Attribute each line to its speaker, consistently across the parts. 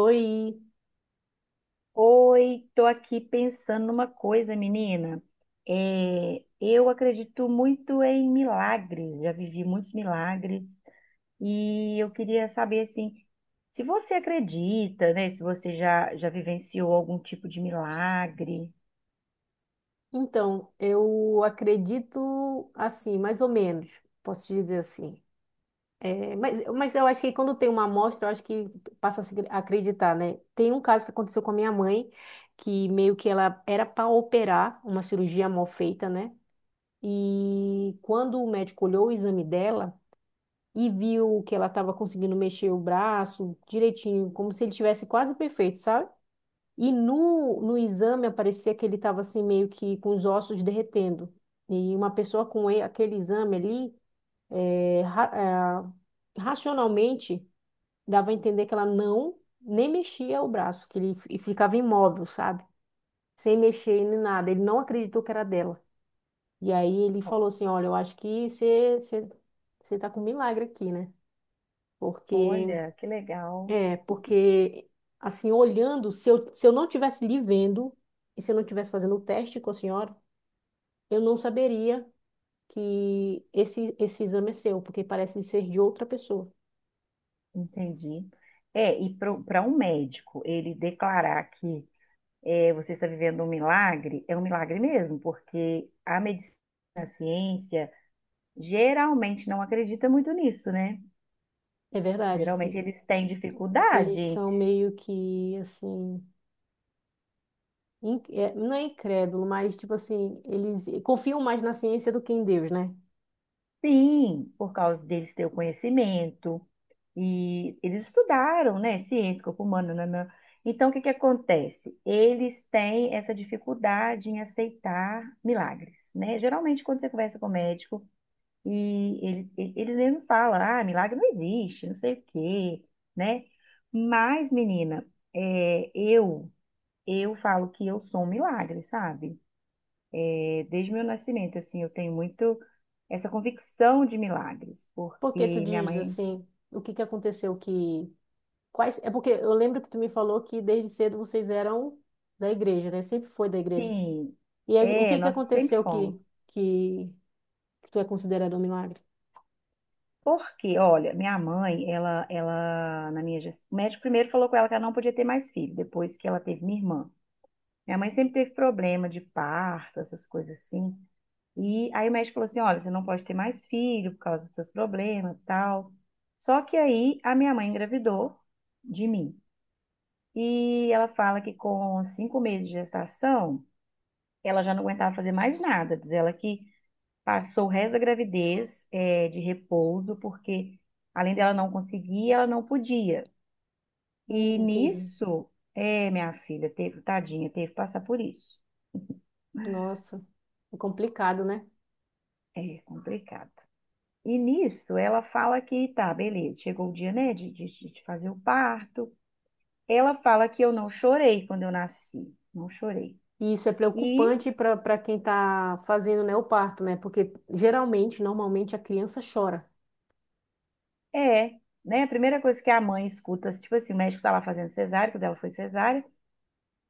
Speaker 1: Oi,
Speaker 2: Oi, tô aqui pensando numa coisa, menina. É, eu acredito muito em milagres, já vivi muitos milagres e eu queria saber assim, se você acredita, né? Se você já, já vivenciou algum tipo de milagre.
Speaker 1: então, eu acredito assim, mais ou menos, posso te dizer assim. É, mas eu acho que quando tem uma amostra, eu acho que passa a se acreditar, né? Tem um caso que aconteceu com a minha mãe, que meio que ela era para operar uma cirurgia mal feita, né? E quando o médico olhou o exame dela e viu que ela estava conseguindo mexer o braço direitinho, como se ele tivesse quase perfeito, sabe? E no exame aparecia que ele estava assim meio que com os ossos derretendo. E uma pessoa com aquele exame ali, é, ra- racionalmente, dava a entender que ela não nem mexia o braço, que ele ficava imóvel, sabe? Sem mexer nem nada. Ele não acreditou que era dela. E aí ele
Speaker 2: O-
Speaker 1: falou assim: Olha, eu acho que você está com um milagre aqui, né? Porque,
Speaker 2: Olha, que legal.
Speaker 1: é, porque, assim, olhando, se eu não tivesse lhe vendo. E se eu não tivesse fazendo o teste com a senhora, eu não saberia que esse exame é seu, porque parece ser de outra pessoa.
Speaker 2: Entendi. É, e para um médico ele declarar que você está vivendo um milagre, é um milagre mesmo, porque a medicina geralmente não acredita muito nisso, né?
Speaker 1: É verdade.
Speaker 2: Geralmente eles têm
Speaker 1: Eles
Speaker 2: dificuldade,
Speaker 1: são meio que assim, não é incrédulo, mas tipo assim, eles confiam mais na ciência do que em Deus, né?
Speaker 2: sim, por causa deles ter o conhecimento e eles estudaram, né? Ciência, corpo humano, nanã. Então, o que que acontece? Eles têm essa dificuldade em aceitar milagres, né? Geralmente, quando você conversa com o médico e ele mesmo fala, ah, milagre não existe, não sei o quê, né? Mas, menina, é, eu, eu falo que eu sou um milagre, sabe? Desde meu nascimento, assim, eu tenho muito essa convicção de milagres, porque
Speaker 1: Porque tu
Speaker 2: minha
Speaker 1: diz
Speaker 2: mãe,
Speaker 1: assim, o que que aconteceu que quais é porque eu lembro que tu me falou que desde cedo vocês eram da igreja, né? Sempre foi da igreja.
Speaker 2: sim,
Speaker 1: E aí, o
Speaker 2: é,
Speaker 1: que que
Speaker 2: nós sempre
Speaker 1: aconteceu
Speaker 2: fomos.
Speaker 1: que que, que tu é considerado um milagre?
Speaker 2: Porque, olha, minha mãe, ela, na minha gestão, o médico primeiro falou com ela que ela não podia ter mais filho, depois que ela teve minha irmã. Minha mãe sempre teve problema de parto, essas coisas assim. E aí o médico falou assim, olha, você não pode ter mais filho por causa dos seus problemas e tal. Só que aí a minha mãe engravidou de mim. E ela fala que com cinco meses de gestação, ela já não aguentava fazer mais nada. Diz ela que passou o resto da gravidez, de repouso, porque além dela não conseguir, ela não podia. E
Speaker 1: Entendi.
Speaker 2: nisso, é, minha filha, teve, tadinha, teve que passar por isso.
Speaker 1: Nossa, é complicado, né?
Speaker 2: É complicado. E nisso, ela fala que tá, beleza, chegou o dia, né, de fazer o parto. Ela fala que eu não chorei quando eu nasci, não chorei.
Speaker 1: E isso é
Speaker 2: E
Speaker 1: preocupante para quem está fazendo, né, o parto, né? Porque geralmente, normalmente, a criança chora.
Speaker 2: É, né? A primeira coisa que a mãe escuta, tipo assim, o médico tá lá fazendo cesárea, que o dela foi cesárea,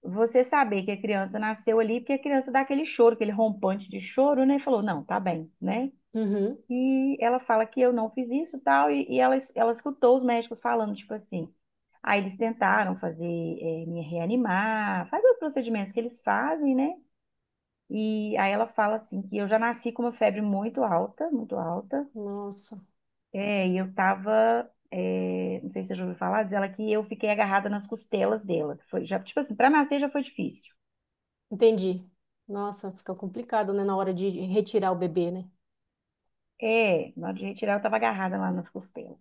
Speaker 2: você saber que a criança nasceu ali, porque a criança dá aquele choro, aquele rompante de choro, né? E falou, não, tá bem, né?
Speaker 1: Uhum.
Speaker 2: E ela fala que eu não fiz isso tal, e ela escutou os médicos falando, tipo assim. Aí eles tentaram fazer, me reanimar, fazer os procedimentos que eles fazem, né? E aí ela fala assim que eu já nasci com uma febre muito alta, muito alta.
Speaker 1: Nossa,
Speaker 2: É, e eu tava, é, não sei se você já ouviu falar, diz ela que eu fiquei agarrada nas costelas dela. Foi, já, tipo assim, pra nascer já foi difícil.
Speaker 1: entendi. Nossa, fica complicado, né, na hora de retirar o bebê, né?
Speaker 2: É, na hora de retirar eu tava agarrada lá nas costelas.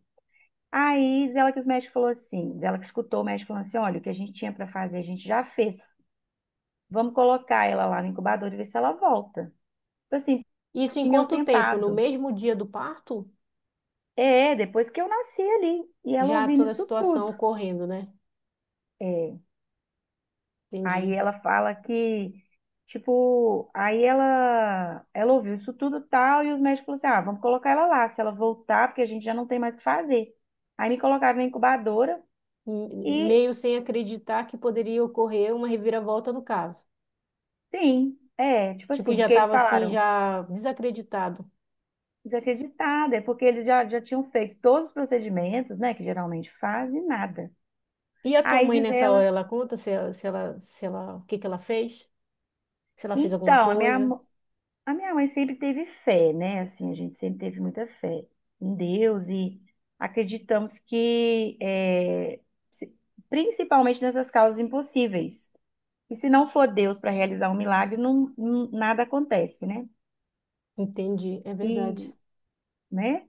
Speaker 2: Aí diz ela que os médicos falou assim, diz ela que escutou o médico falando assim, olha, o que a gente tinha pra fazer a gente já fez. Vamos colocar ela lá no incubador e ver se ela volta. Tipo assim,
Speaker 1: Isso em
Speaker 2: tinham
Speaker 1: quanto tempo? No
Speaker 2: tentado.
Speaker 1: mesmo dia do parto?
Speaker 2: É, depois que eu nasci ali. E ela
Speaker 1: Já
Speaker 2: ouvindo
Speaker 1: toda a
Speaker 2: isso
Speaker 1: situação
Speaker 2: tudo.
Speaker 1: ocorrendo, né?
Speaker 2: É. Aí
Speaker 1: Entendi.
Speaker 2: ela fala que, tipo, aí ela ouviu isso tudo e tal, e os médicos falaram assim, ah, vamos colocar ela lá, se ela voltar, porque a gente já não tem mais o que fazer. Aí me colocaram na incubadora
Speaker 1: M-
Speaker 2: e,
Speaker 1: meio sem acreditar que poderia ocorrer uma reviravolta no caso.
Speaker 2: sim, é, tipo
Speaker 1: Tipo,
Speaker 2: assim,
Speaker 1: já
Speaker 2: porque eles
Speaker 1: estava assim,
Speaker 2: falaram,
Speaker 1: já desacreditado.
Speaker 2: desacreditada, é porque eles já tinham feito todos os procedimentos, né, que geralmente fazem, e nada.
Speaker 1: E a tua
Speaker 2: Aí
Speaker 1: mãe
Speaker 2: diz
Speaker 1: nessa
Speaker 2: ela,
Speaker 1: hora, ela conta se, se ela, se ela, o que que ela fez? Se ela fez alguma
Speaker 2: então,
Speaker 1: coisa.
Speaker 2: a minha mãe sempre teve fé, né? Assim, a gente sempre teve muita fé em Deus e acreditamos que, é, se- principalmente nessas causas impossíveis, e se não for Deus para realizar um milagre, nada acontece, né?
Speaker 1: Entendi, é verdade.
Speaker 2: E, né?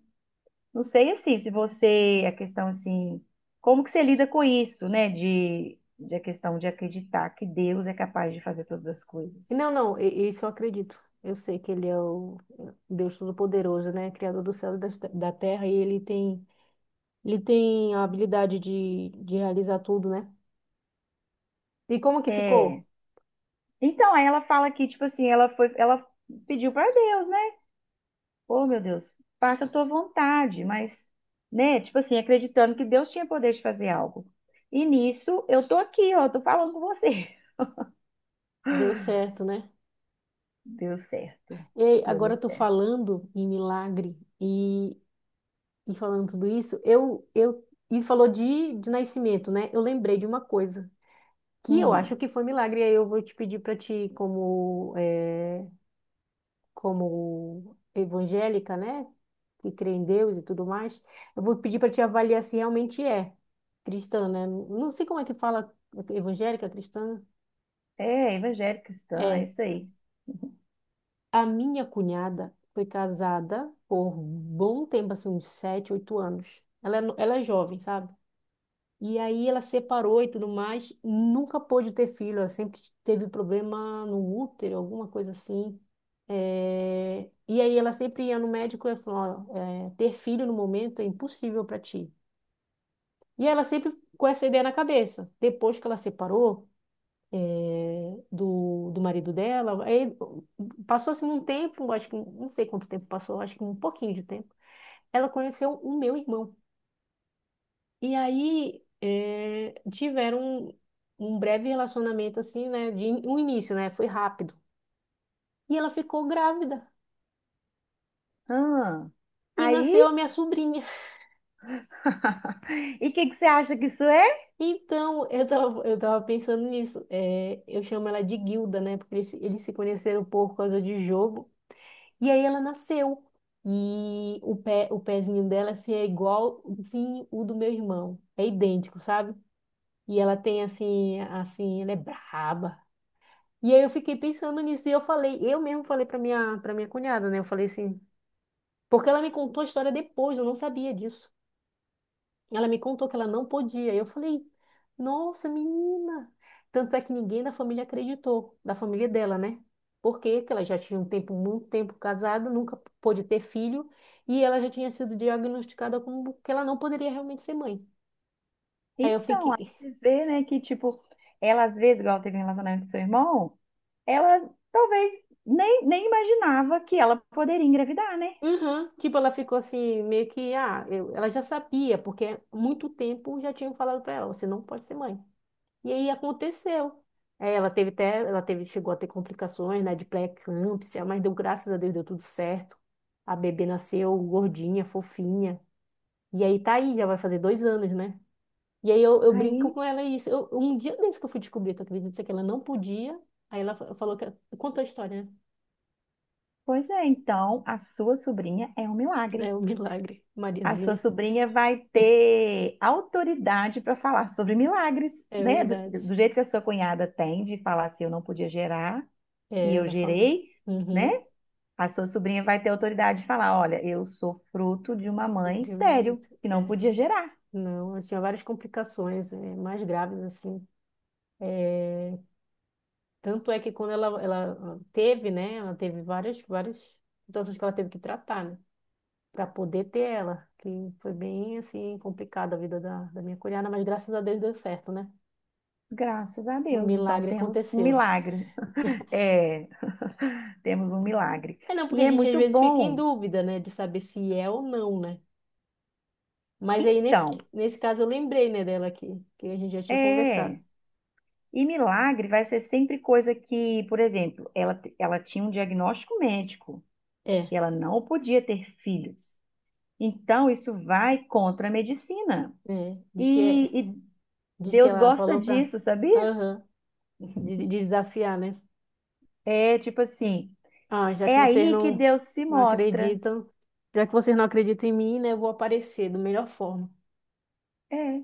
Speaker 2: Não sei assim, se você, a questão assim, como que você lida com isso, né? De a questão de acreditar que Deus é capaz de fazer todas as
Speaker 1: E
Speaker 2: coisas.
Speaker 1: não, não, isso eu acredito. Eu sei que ele é o Deus Todo-Poderoso, né? Criador do céu e da terra, e ele tem, a habilidade de realizar tudo, né? E como que ficou?
Speaker 2: É. Então, aí ela fala que, tipo assim, ela pediu para Deus, né? Oh, meu Deus, faça a tua vontade, mas, né, tipo assim, acreditando que Deus tinha poder de fazer algo. E nisso, eu tô aqui, ó, tô falando com você.
Speaker 1: Deu certo, né?
Speaker 2: Deu certo.
Speaker 1: E
Speaker 2: Deu
Speaker 1: agora eu
Speaker 2: muito
Speaker 1: tô
Speaker 2: certo.
Speaker 1: falando em milagre e falando tudo isso, e falou de nascimento, né? Eu lembrei de uma coisa que eu acho
Speaker 2: Hum,
Speaker 1: que foi milagre, e aí eu vou te pedir para ti, como eh, como evangélica, né? Que crê em Deus e tudo mais, eu vou pedir para te avaliar se realmente é cristã, né? Não sei como é que fala evangélica, cristã.
Speaker 2: é, evangélica cristã, é
Speaker 1: É,
Speaker 2: isso aí.
Speaker 1: a minha cunhada foi casada por bom tempo, assim, uns 7, 8 anos. Ela é, ela é jovem, sabe? E aí ela separou e tudo mais, nunca pôde ter filho, ela sempre teve problema no útero, alguma coisa assim. E aí ela sempre ia no médico e falou, "Ó, é, ter filho no momento é impossível para ti. E ela sempre com essa ideia na cabeça. Depois que ela separou do marido dela, aí passou-se um tempo, acho que não sei quanto tempo passou, acho que um pouquinho de tempo. Ela conheceu o meu irmão. E aí eh, tiveram um breve relacionamento assim, né? De um início, né? Foi rápido. E ela ficou grávida.
Speaker 2: Ah,
Speaker 1: E
Speaker 2: aí
Speaker 1: nasceu a minha sobrinha.
Speaker 2: E o que que você acha que isso é?
Speaker 1: Então, eu tava pensando nisso. Eh, eu chamo ela de Guilda, né? Porque eles se conheceram por causa de jogo. E aí ela nasceu. E o pé, o pezinho dela, assim, é igual, assim, o do meu irmão. É idêntico, sabe? E ela tem, assim, assim, ela é braba. E aí eu fiquei pensando nisso e eu falei, eu mesmo falei para minha cunhada, né? Eu falei assim, porque ela me contou a história depois, eu não sabia disso. Ela me contou que ela não podia. E eu falei, nossa, menina. Tanto é que ninguém da família acreditou, da família dela, né? Porque que ela já tinha um tempo, muito tempo casada, nunca pôde ter filho, e ela já tinha sido diagnosticada como que ela não poderia realmente ser mãe. Aí eu
Speaker 2: Então, aí
Speaker 1: fiquei,
Speaker 2: você vê, né, que, tipo, ela às vezes, igual teve um relacionamento com seu irmão, ela talvez nem, nem imaginava que ela poderia engravidar, né?
Speaker 1: uhum. Tipo, ela ficou assim, meio que, ah, eu- ela já sabia, porque há muito tempo já tinham falado pra ela, você não pode ser mãe. E aí aconteceu. É, ela teve até, ela teve, chegou a ter complicações, né, de pré-eclâmpsia, mas deu graças a Deus, deu tudo certo. A bebê nasceu gordinha, fofinha. E aí tá aí, já vai fazer 2 anos, né? E aí eu brinco
Speaker 2: Aí,
Speaker 1: com ela isso. Eu- um dia desse que eu fui descobrir, tu acredita que ela não podia? Aí ela falou que, contou a história,
Speaker 2: pois é, então, a sua sobrinha é um
Speaker 1: né? É
Speaker 2: milagre.
Speaker 1: um milagre,
Speaker 2: A sua
Speaker 1: Mariazinha.
Speaker 2: sobrinha vai ter autoridade para falar sobre milagres,
Speaker 1: É
Speaker 2: né? Do,
Speaker 1: verdade.
Speaker 2: do jeito que a sua cunhada tem de falar assim, eu não podia gerar e
Speaker 1: É,
Speaker 2: eu
Speaker 1: ela falou.
Speaker 2: gerei, né?
Speaker 1: Uhum.
Speaker 2: A sua sobrinha vai ter autoridade de falar: olha, eu sou fruto de uma mãe
Speaker 1: Deu
Speaker 2: estéril,
Speaker 1: muito.
Speaker 2: que não
Speaker 1: É,
Speaker 2: podia gerar.
Speaker 1: não, ela tinha várias complicações, é, mais graves, assim. É, tanto é que quando ela teve, né? Ela teve várias, várias situações que ela teve que tratar, né? Para poder ter ela, que foi bem, assim, complicada a vida da minha cunhada, mas graças a Deus deu certo, né?
Speaker 2: Graças a
Speaker 1: O
Speaker 2: Deus. Então
Speaker 1: milagre
Speaker 2: temos um
Speaker 1: aconteceu.
Speaker 2: milagre. É, temos um milagre.
Speaker 1: É não, porque
Speaker 2: E
Speaker 1: a
Speaker 2: é
Speaker 1: gente às
Speaker 2: muito
Speaker 1: vezes fica em
Speaker 2: bom.
Speaker 1: dúvida, né, de saber se é ou não, né? Mas aí nesse,
Speaker 2: Então,
Speaker 1: nesse caso eu lembrei, né, dela aqui, que a gente já tinha conversado.
Speaker 2: é. E milagre vai ser sempre coisa que, por exemplo, ela tinha um diagnóstico médico
Speaker 1: É.
Speaker 2: e ela não podia ter filhos. Então, isso vai contra a medicina.
Speaker 1: É, diz que,
Speaker 2: E
Speaker 1: diz que
Speaker 2: Deus
Speaker 1: ela
Speaker 2: gosta
Speaker 1: falou pra.
Speaker 2: disso, sabia?
Speaker 1: Aham, de desafiar, né?
Speaker 2: É tipo assim,
Speaker 1: Ah, já
Speaker 2: é
Speaker 1: que vocês
Speaker 2: aí que
Speaker 1: não,
Speaker 2: Deus se
Speaker 1: não
Speaker 2: mostra.
Speaker 1: acreditam, já que vocês não acreditam em mim, né, eu vou aparecer da melhor forma.
Speaker 2: É.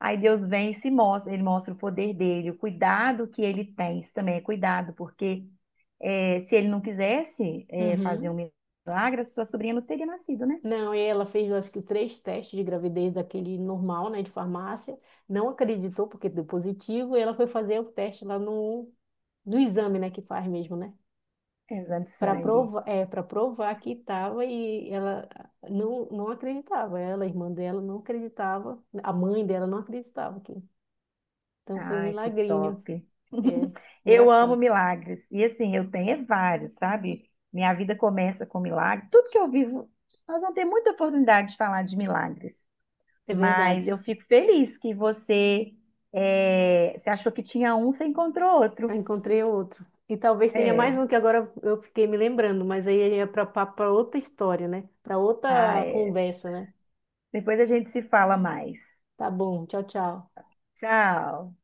Speaker 2: Aí Deus vem e se mostra, ele mostra o poder dele, o cuidado que ele tem. Isso também é cuidado, porque é, se ele não quisesse fazer
Speaker 1: Uhum.
Speaker 2: um milagre, sua sobrinha não teria nascido, né?
Speaker 1: Não, e ela fez, eu acho que três testes de gravidez daquele normal, né, de farmácia. Não acreditou porque deu positivo e ela foi fazer o teste lá no exame, né, que faz mesmo, né?
Speaker 2: Exame de
Speaker 1: para
Speaker 2: sangue.
Speaker 1: provar, é, para provar que estava e ela não acreditava. Ela, a irmã dela, não acreditava, a mãe dela não acreditava que. Então foi um
Speaker 2: Ai, que
Speaker 1: milagrinho.
Speaker 2: top.
Speaker 1: É
Speaker 2: Eu amo
Speaker 1: engraçado.
Speaker 2: milagres. E assim, eu tenho é vários, sabe? Minha vida começa com milagre. Tudo que eu vivo, nós vamos ter muita oportunidade de falar de milagres.
Speaker 1: É verdade.
Speaker 2: Mas eu fico feliz que você, é, você achou que tinha um, você encontrou
Speaker 1: Eu
Speaker 2: outro.
Speaker 1: encontrei outro. E talvez tenha mais
Speaker 2: É.
Speaker 1: um que agora eu fiquei me lembrando, mas aí é para outra história, né? Para
Speaker 2: Ah,
Speaker 1: outra
Speaker 2: é.
Speaker 1: conversa, né?
Speaker 2: Depois a gente se fala mais.
Speaker 1: Tá bom, tchau, tchau.
Speaker 2: Tchau.